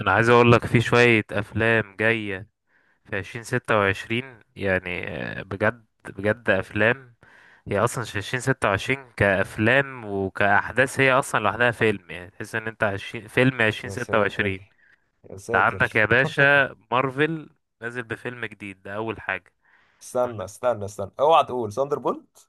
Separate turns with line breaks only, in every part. انا عايز اقول لك في شوية افلام جاية في 2026 يعني. بجد بجد افلام. هي اصلا في 2026 كافلام وكاحداث، هي اصلا لوحدها فيلم، يعني تحس ان انت عشرين فيلم عشرين
يا
ستة وعشرين
ساتر، يا
انت عندك
ساتر.
يا باشا مارفل نازل بفيلم جديد، ده اول حاجة.
استنى استنى استنى، اوعى تقول ثاندر بولت.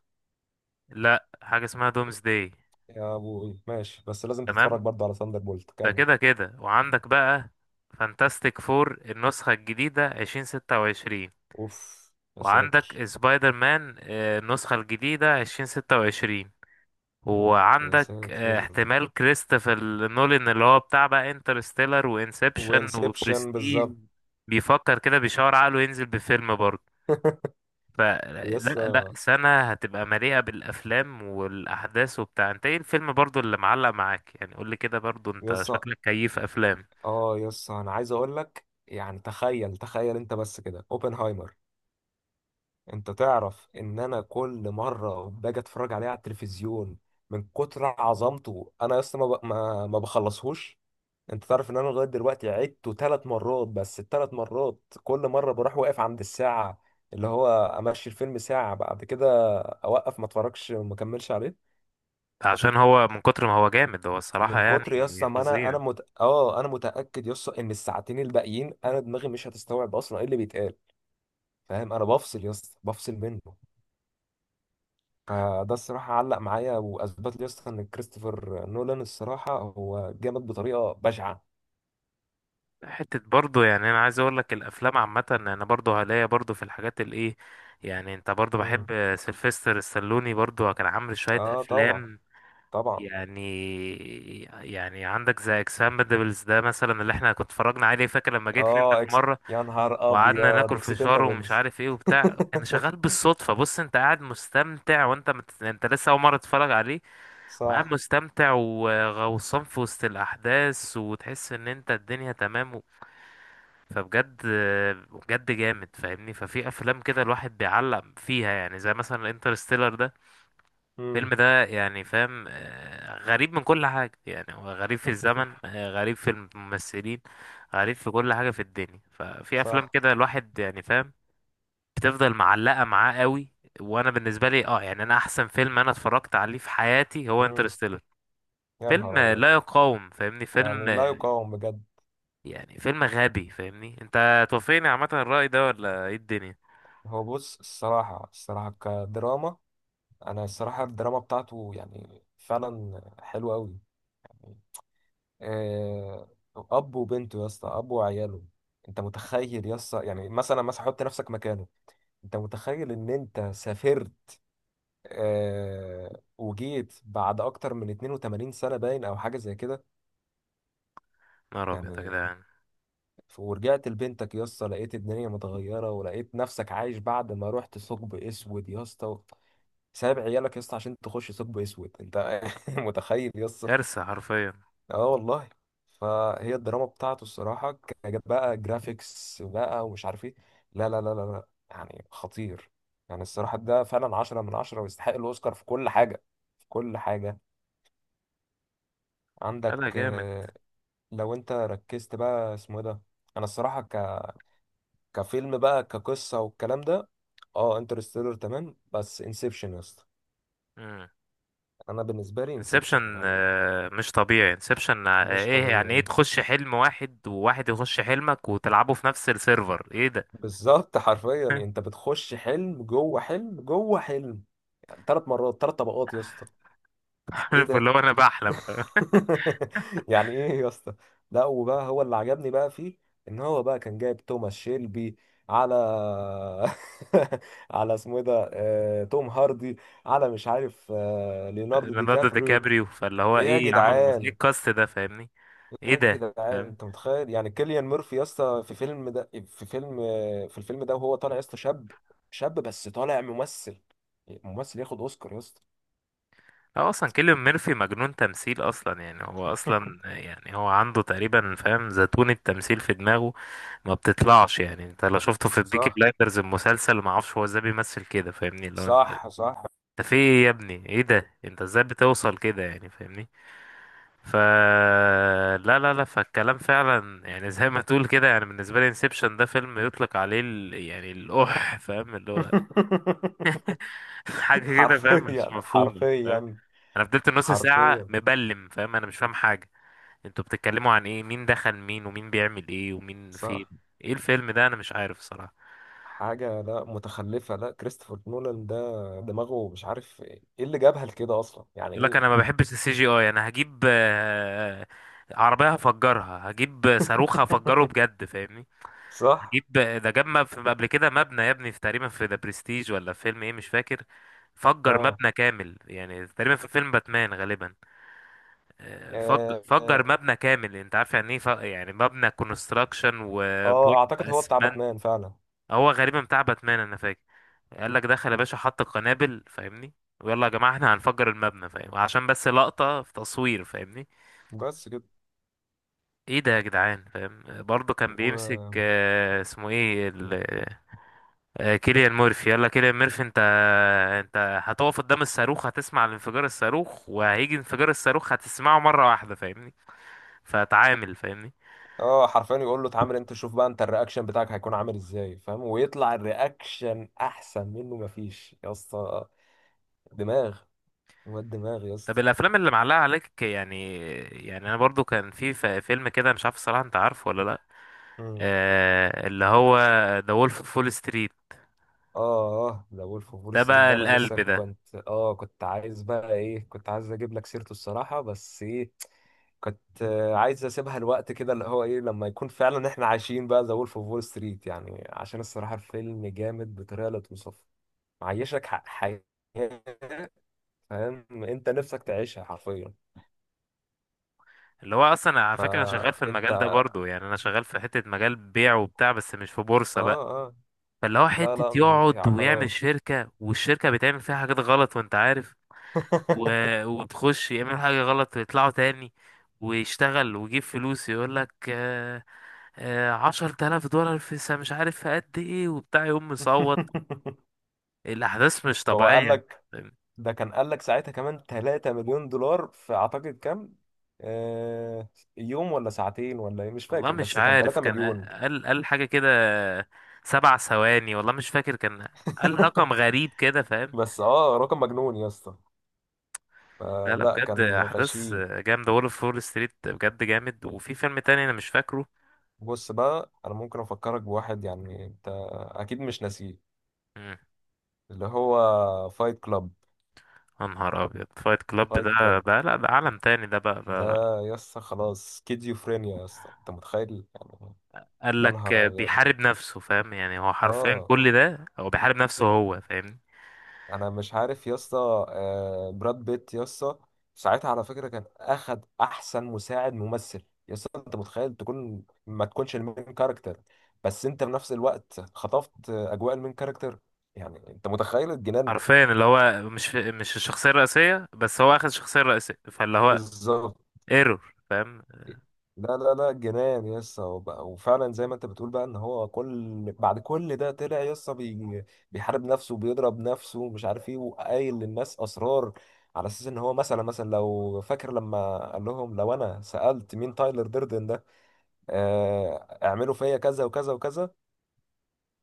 لا، حاجة اسمها دومز داي.
يا ابوي ماشي، بس لازم
تمام.
تتفرج برضه على ثاندر بولت
ده
كمل.
كده كده. وعندك بقى فانتاستيك فور النسخة الجديدة 2026.
اوف. يا
وعندك
ساتر،
سبايدر مان، النسخة الجديدة 2026.
يا
وعندك
ساتر.
احتمال كريستوفر نولان اللي هو بتاع بقى انترستيلر وانسبشن
وانسبشن
وبرستيج،
بالظبط.
بيفكر كده، بيشاور عقله ينزل بفيلم برضه. فلا لا لا،
يسا،
سنة هتبقى مليئة بالأفلام والأحداث وبتاع. انت ايه الفيلم برضه اللي معلق معاك يعني؟ قولي كده برضه، انت
يسا،
شكلك كيف أفلام؟
اه يسا، انا عايز اقول لك يعني تخيل تخيل انت بس كده اوبنهايمر. انت تعرف ان انا كل مره باجي اتفرج عليه على التلفزيون، من كتر عظمته انا يسا ما ب- ما ما بخلصهوش. انت تعرف ان انا لغايه دلوقتي عدته 3 مرات، بس الثلاث مرات كل مره بروح واقف عند الساعه اللي هو امشي الفيلم ساعه بعد كده اوقف ما اتفرجش وما اكملش عليه.
عشان هو من كتر ما هو جامد، هو الصراحة
من
يعني
كتر يسطا ما
فظيع.
انا انا مت... اه انا متاكد يسطا ان الساعتين الباقيين انا دماغي مش هتستوعب اصلا ايه اللي بيتقال. فاهم انا بفصل يسطا، بفصل منه. فده الصراحه علق معايا واثبت لي يسطا ان كريستوفر نولان الصراحه هو جامد بطريقه بشعه.
حتة برضو، يعني انا عايز اقول لك الافلام عامة، انا برضو هلاقي برضو في الحاجات الايه. يعني انت برضو
مم.
بحب سيلفستر السلوني، برضو كان عامل شوية
اه طبعا،
افلام.
طبعا.
يعني يعني عندك زي اكسبندبلز ده مثلا اللي احنا كنت اتفرجنا عليه، فاكر لما جيت لي انت
اه
في مرة
يا نهار
وقعدنا
ابيض
ناكل فشار ومش
اكسبندبلز.
عارف ايه وبتاع، كان شغال بالصدفة. بص انت قاعد مستمتع، وانت انت لسه اول مرة تتفرج عليه وقاعد
صح.
مستمتع وغوصان في وسط الاحداث وتحس ان انت الدنيا تمام. فبجد بجد جامد فاهمني. ففي افلام كده الواحد بيعلق فيها، يعني زي مثلا انترستيلر ده، الفيلم
امم.
ده يعني فاهم غريب من كل حاجة. يعني هو غريب في الزمن، غريب في الممثلين، غريب في كل حاجة في الدنيا. ففي افلام
صح.
كده الواحد يعني فاهم بتفضل معلقة معاه قوي. وانا بالنسبة لي اه يعني انا احسن فيلم انا اتفرجت عليه في حياتي هو
امم.
انترستيلر،
يا
فيلم
نهار ابيض.
لا يقاوم فاهمني، فيلم
يعني لا يقاوم بجد.
يعني فيلم غبي فاهمني. انت توافقني عامة الرأي ده ولا ايه الدنيا؟
هو بص الصراحه الصراحه كدراما، انا الصراحه الدراما بتاعته يعني فعلا حلوه قوي. آه، اب وبنته يا اسطى، اب وعياله. انت متخيل يا اسطى يعني مثلا مثلا حط نفسك مكانه. انت متخيل ان انت سافرت وجيت بعد اكتر من 82 سنه باين او حاجه زي كده؟
نهار أبيض يا
يعني
جدعان.
ورجعت لبنتك يا اسطى لقيت الدنيا متغيره ولقيت نفسك عايش بعد ما رحت ثقب اسود يا اسطى. سايب عيالك يا اسطى عشان تخش ثقب اسود انت. متخيل يا اسطى؟
كارثة حرفيا.
اه والله. فهي الدراما بتاعته الصراحه. كانت بقى جرافيكس بقى ومش عارف ايه، لا لا لا لا لا يعني خطير. يعني الصراحه ده فعلا عشرة من عشرة ويستحق الاوسكار في كل حاجه، في كل حاجه.
لا
عندك
لا جامد.
لو انت ركزت بقى اسمه إيه ده. انا الصراحه كفيلم بقى كقصة والكلام ده، اه انترستيلر تمام، بس انسبشن يا اسطى.
امم.
انا بالنسبة لي
انسبشن.
انسبشن يعني
مش طبيعي انسبشن.
مش
ايه يعني؟ ايه
طبيعي.
تخش حلم واحد، وواحد يخش حلمك وتلعبه في نفس السيرفر؟ ايه ده؟
بالظبط حرفيا، انت بتخش حلم جوه حلم جوه حلم. يعني ثلاث مرات، 3 طبقات يا اسطى. ايه
عارف
ده؟
اللي هو انا بحلم فاهم؟
يعني ايه يا اسطى؟ لا، وبقى هو اللي عجبني بقى فيه ان هو بقى كان جايب توماس شيلبي على على اسمه ايه ده توم هاردي، على مش عارف ليوناردو دي
ليوناردو دي
كابريو.
كابريو. فاللي هو
ايه يا
ايه يا عم، ايه
جدعان.
الكاست ده فاهمني؟ ايه
ايه يا
ده؟
جدعان، انت متخيل يعني كيليان ميرفي يا اسطى في فيلم ده في فيلم في الفيلم ده وهو طالع يا اسطى شاب، شاب بس طالع ممثل، ممثل ياخد اوسكار يا اسطى.
هو اصلا كيليان ميرفي مجنون تمثيل اصلا يعني، هو اصلا يعني هو عنده تقريبا فاهم زيتون التمثيل في دماغه ما بتطلعش، يعني انت لو شفته في بيكي
صح،
بلايندرز المسلسل ما اعرفش هو ازاي بيمثل كده فاهمني. لو انت
صح، صح.
انت في ايه يا ابني؟ ايه ده؟ انت ازاي بتوصل كده يعني فاهمني؟ ف لا لا لا، فالكلام فعلا يعني زي ما تقول كده، يعني بالنسبه لي انسبشن ده فيلم يطلق عليه يعني الاح فاهم اللي هو حاجه كده فاهم، مش
حرفيا،
مفهومه فاهم.
حرفيا،
انا فضلت نص ساعه
حرفيا.
مبلم فاهم، انا مش فاهم حاجه. انتوا بتتكلموا عن ايه؟ مين دخل مين؟ ومين بيعمل ايه؟ ومين فين؟
صح.
ايه الفيلم ده؟ انا مش عارف الصراحه.
حاجة لا، متخلفة لا، كريستوفر نولان ده دماغه مش عارف ايه اللي جابها لكده اصلا، يعني
يقول لك
ايه.
انا ما بحبش السي جي اي، انا هجيب عربيه هفجرها، هجيب صاروخ هفجره بجد فاهمني.
صح.
هجيب ده، قبل كده مبنى يا ابني في تقريبا في ذا برستيج ولا في فيلم ايه مش فاكر، فجر
اه.
مبنى كامل يعني تقريبا في فيلم باتمان غالبا. فج
آه، آه.
فجر مبنى كامل. انت عارف يعني ايه، يعني مبنى كونستراكشن وبوم.
اه اعتقد هو بتاع باتمان فعلا.
هو غالبا بتاع باتمان انا فاكر. قال لك دخل يا باشا حط القنابل فاهمني، ويلا يا جماعه احنا هنفجر المبنى فاهم، عشان بس لقطه في تصوير فاهمني.
بس كده.
ايه ده يا جدعان فاهم؟ برضه كان بيمسك
و...
اسمه ايه كيليان مورفي. يلا كيليان مورفي، انت هتقف قدام الصاروخ، هتسمع الانفجار، الصاروخ وهيجي انفجار الصاروخ هتسمعه مره واحده فاهمني. فتعامل فاهمني.
اه حرفيا يقول له اتعامل انت، شوف بقى انت الرياكشن بتاعك هيكون عامل ازاي فاهم، ويطلع الرياكشن احسن منه. مفيش يا اسطى. دماغ، واد دماغ يا
طب
اسطى.
الافلام اللي معلقه عليك يعني؟ يعني انا برضو كان في فيلم كده مش عارف الصراحه، انت عارفه ولا لا؟
مم.
اللي هو ذا وولف اوف فول ستريت.
اه اه، ده وولف اوف وول
ده
ستريت
بقى
ده انا لسه
القلب ده.
كنت عايز بقى ايه، كنت عايز اجيب لك سيرته الصراحه، بس ايه، كنت عايز اسيبها الوقت كده اللي هو ايه لما يكون فعلا احنا عايشين بقى ذا وولف اوف وول ستريت، يعني عشان الصراحه الفيلم جامد بطريقه لا توصف. معيشك حياة، فاهم انت نفسك تعيشها حرفيا.
اللي هو اصلا على فكره انا شغال في
فانت
المجال ده
اه،
برضو، يعني انا شغال في حته مجال بيع وبتاع بس مش في بورصه بقى.
اه،
فاللي هو
لا
حته
لا مش هي
يقعد ويعمل
عقارات.
شركه، والشركه بتعمل فيها حاجات غلط وانت عارف، و... وتخش يعمل حاجه غلط ويطلعوا تاني ويشتغل ويجيب فلوس. يقول لك 10 تلاف دولار في مش عارف في قد ايه وبتاع، يقوم مصوت. الأحداث مش
هو قال
طبيعية.
لك، ده كان قال لك ساعتها كمان 3 مليون دولار في اعتقد كام، آه يوم ولا ساعتين ولا ايه مش
والله
فاكر،
مش
بس كان
عارف
3
كان
مليون.
قال حاجة كده، 7 ثواني، والله مش فاكر كان قال رقم غريب كده فاهم.
بس اه رقم مجنون يا اسطى.
لا
آه
لا
لا،
بجد
كان
أحداث
غشيم.
جامدة، وولف فول ستريت بجد جامد. وفي فيلم تاني أنا مش فاكره.
بص بقى انا ممكن افكرك بواحد يعني انت اكيد مش ناسيه،
مم.
اللي هو فايت كلاب.
يا نهار أبيض فايت كلاب
فايت
ده
كلاب
ده لا، ده عالم تاني ده بقى
ده،
ده.
يسا خلاص سكيزوفرينيا يسا، انت متخيل يعني.
قال
يا
لك
نهار ابيض.
بيحارب نفسه فاهم؟ يعني هو حرفيا
اه
كل ده هو بيحارب نفسه هو فاهمني.
انا مش عارف يسا، آه براد بيت يسا، ساعتها على فكرة كان اخد احسن مساعد ممثل. يسا انت متخيل تكون ما تكونش المين كاركتر، بس انت في نفس الوقت خطفت اجواء المين كاركتر، يعني انت متخيل الجنان.
حرفيا اللي هو مش الشخصية الرئيسية، بس هو أخد الشخصية الرئيسية. فاللي هو
بالظبط.
ايرور فاهم.
لا لا لا جنان يسا. وبقى وفعلا زي ما انت بتقول بقى ان هو بعد كل ده طلع يسا بيحارب نفسه وبيضرب نفسه ومش عارف ايه، وقايل للناس اسرار على اساس ان هو، مثلا مثلا لو فاكر لما قال لهم لو انا سألت مين تايلر ديردن ده، آه، اعملوا فيا كذا وكذا وكذا.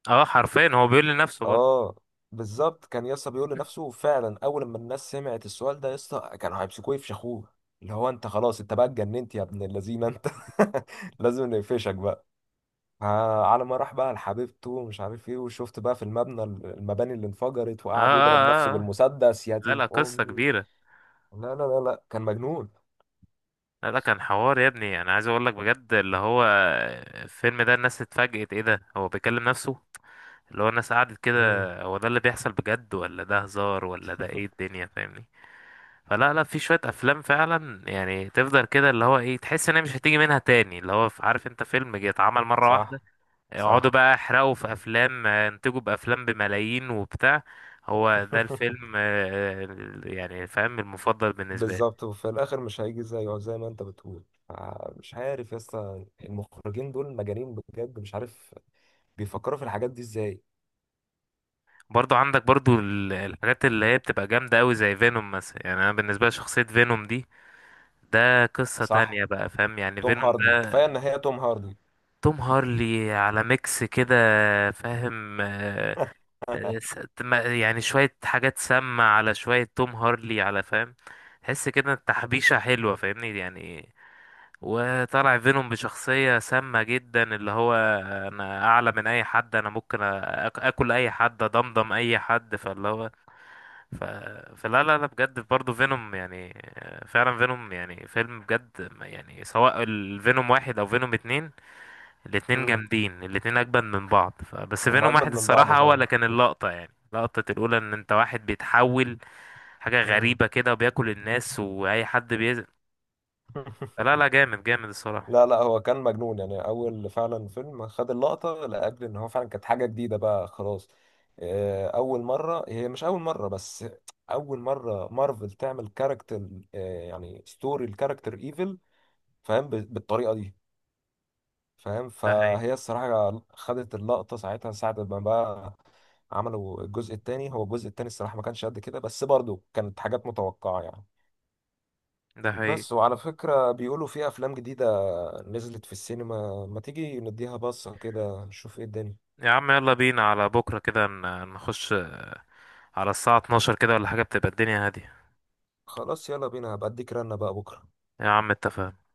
اه حرفيا هو بيقول لنفسه برضه.
اه بالظبط، كان يسا بيقول لنفسه فعلا. اول ما الناس سمعت السؤال ده يسا كانوا هيمسكوه يفشخوه، اللي هو انت خلاص، انت بقى اتجننت يا ابن اللذينه انت. لازم نقفشك بقى. على ما راح بقى لحبيبته ومش عارف ايه، وشفت بقى في المباني اللي انفجرت
اه
وقعد يضرب نفسه
اه اه.
بالمسدس يا
لا
دين
لا قصة
امي.
كبيرة.
لا لا لا لا، كان مجنون.
لا لا كان حوار يا ابني، انا عايز اقول لك بجد اللي هو الفيلم ده الناس اتفاجئت ايه ده هو بيكلم نفسه. اللي هو الناس قعدت كده،
مم.
هو ده اللي بيحصل بجد ولا ده هزار ولا ده ايه الدنيا فاهمني؟ فلا لا، في شوية افلام فعلا يعني تفضل كده، اللي هو ايه تحس ان هي مش هتيجي منها تاني، اللي هو عارف انت فيلم جه اتعمل مرة واحدة.
صح،
يقعدوا
صح.
بقى يحرقوا في افلام، ينتجوا بافلام بملايين وبتاع. هو ده الفيلم يعني فاهم المفضل بالنسبة.
بالظبط، وفي الاخر مش هيجي زيه زي ما انت بتقول. مش عارف يا اسطى، المخرجين دول مجانين بجد، مش عارف بيفكروا في الحاجات دي ازاي.
برضو عندك برضو الحاجات اللي هي بتبقى جامدة أوي زي فينوم مثلا. يعني أنا بالنسبة لي شخصية فينوم دي ده قصة
صح.
تانية بقى فاهم. يعني
توم
فينوم
هاردي
ده
كفايه ان هي توم هاردي.
توم هارلي على ميكس كده فاهم يعني شوية حاجات سامة على شوية توم هارلي على فاهم، تحس كده تحبيشة حلوة فاهمني يعني. وطلع فينوم بشخصية سامة جدا اللي هو أنا أعلى من أي حد. أنا ممكن أكل أي حد أضمضم أي حد. فاللي هو ف... فلا لا لا بجد برضه فينوم، يعني فعلا فينوم يعني فيلم بجد يعني سواء الفينوم واحد او فينوم اتنين الاتنين
مم.
جامدين، الاتنين اجمد من بعض. بس
هم
فينوم
اجمد
واحد
من بعض
الصراحة هو اللي
فعلا.
كان اللقطة، يعني لقطة الأولى إن أنت واحد بيتحول حاجة
مم.
غريبة كده وبياكل الناس وأي حد بيزق. لا لا جامد جامد الصراحة.
لا لا، هو كان مجنون يعني. اول فعلا فيلم خد اللقطه لاجل ان هو فعلا كانت حاجه جديده بقى خلاص. اول مره، هي مش اول مره بس، اول مره مارفل تعمل كاركتر يعني ستوري الكاركتر ايفل فاهم بالطريقه دي فاهم.
ده حقيقي.
فهي الصراحه خدت اللقطه ساعتها. ساعه ما بقى عملوا الجزء الثاني، هو الجزء الثاني الصراحه ما كانش قد كده، بس برضه كانت حاجات متوقعه يعني.
ده حقيقي.
بس وعلى فكره بيقولوا في افلام جديده نزلت في السينما، ما تيجي نديها بصة كده نشوف ايه الدنيا.
يا عم يلا بينا على بكرة كده، نخش على الساعة 12 كده ولا حاجة بتبقى الدنيا هادية.
خلاص يلا بينا، هبقى اديك رنة بقى بكرة.
يا عم اتفقنا.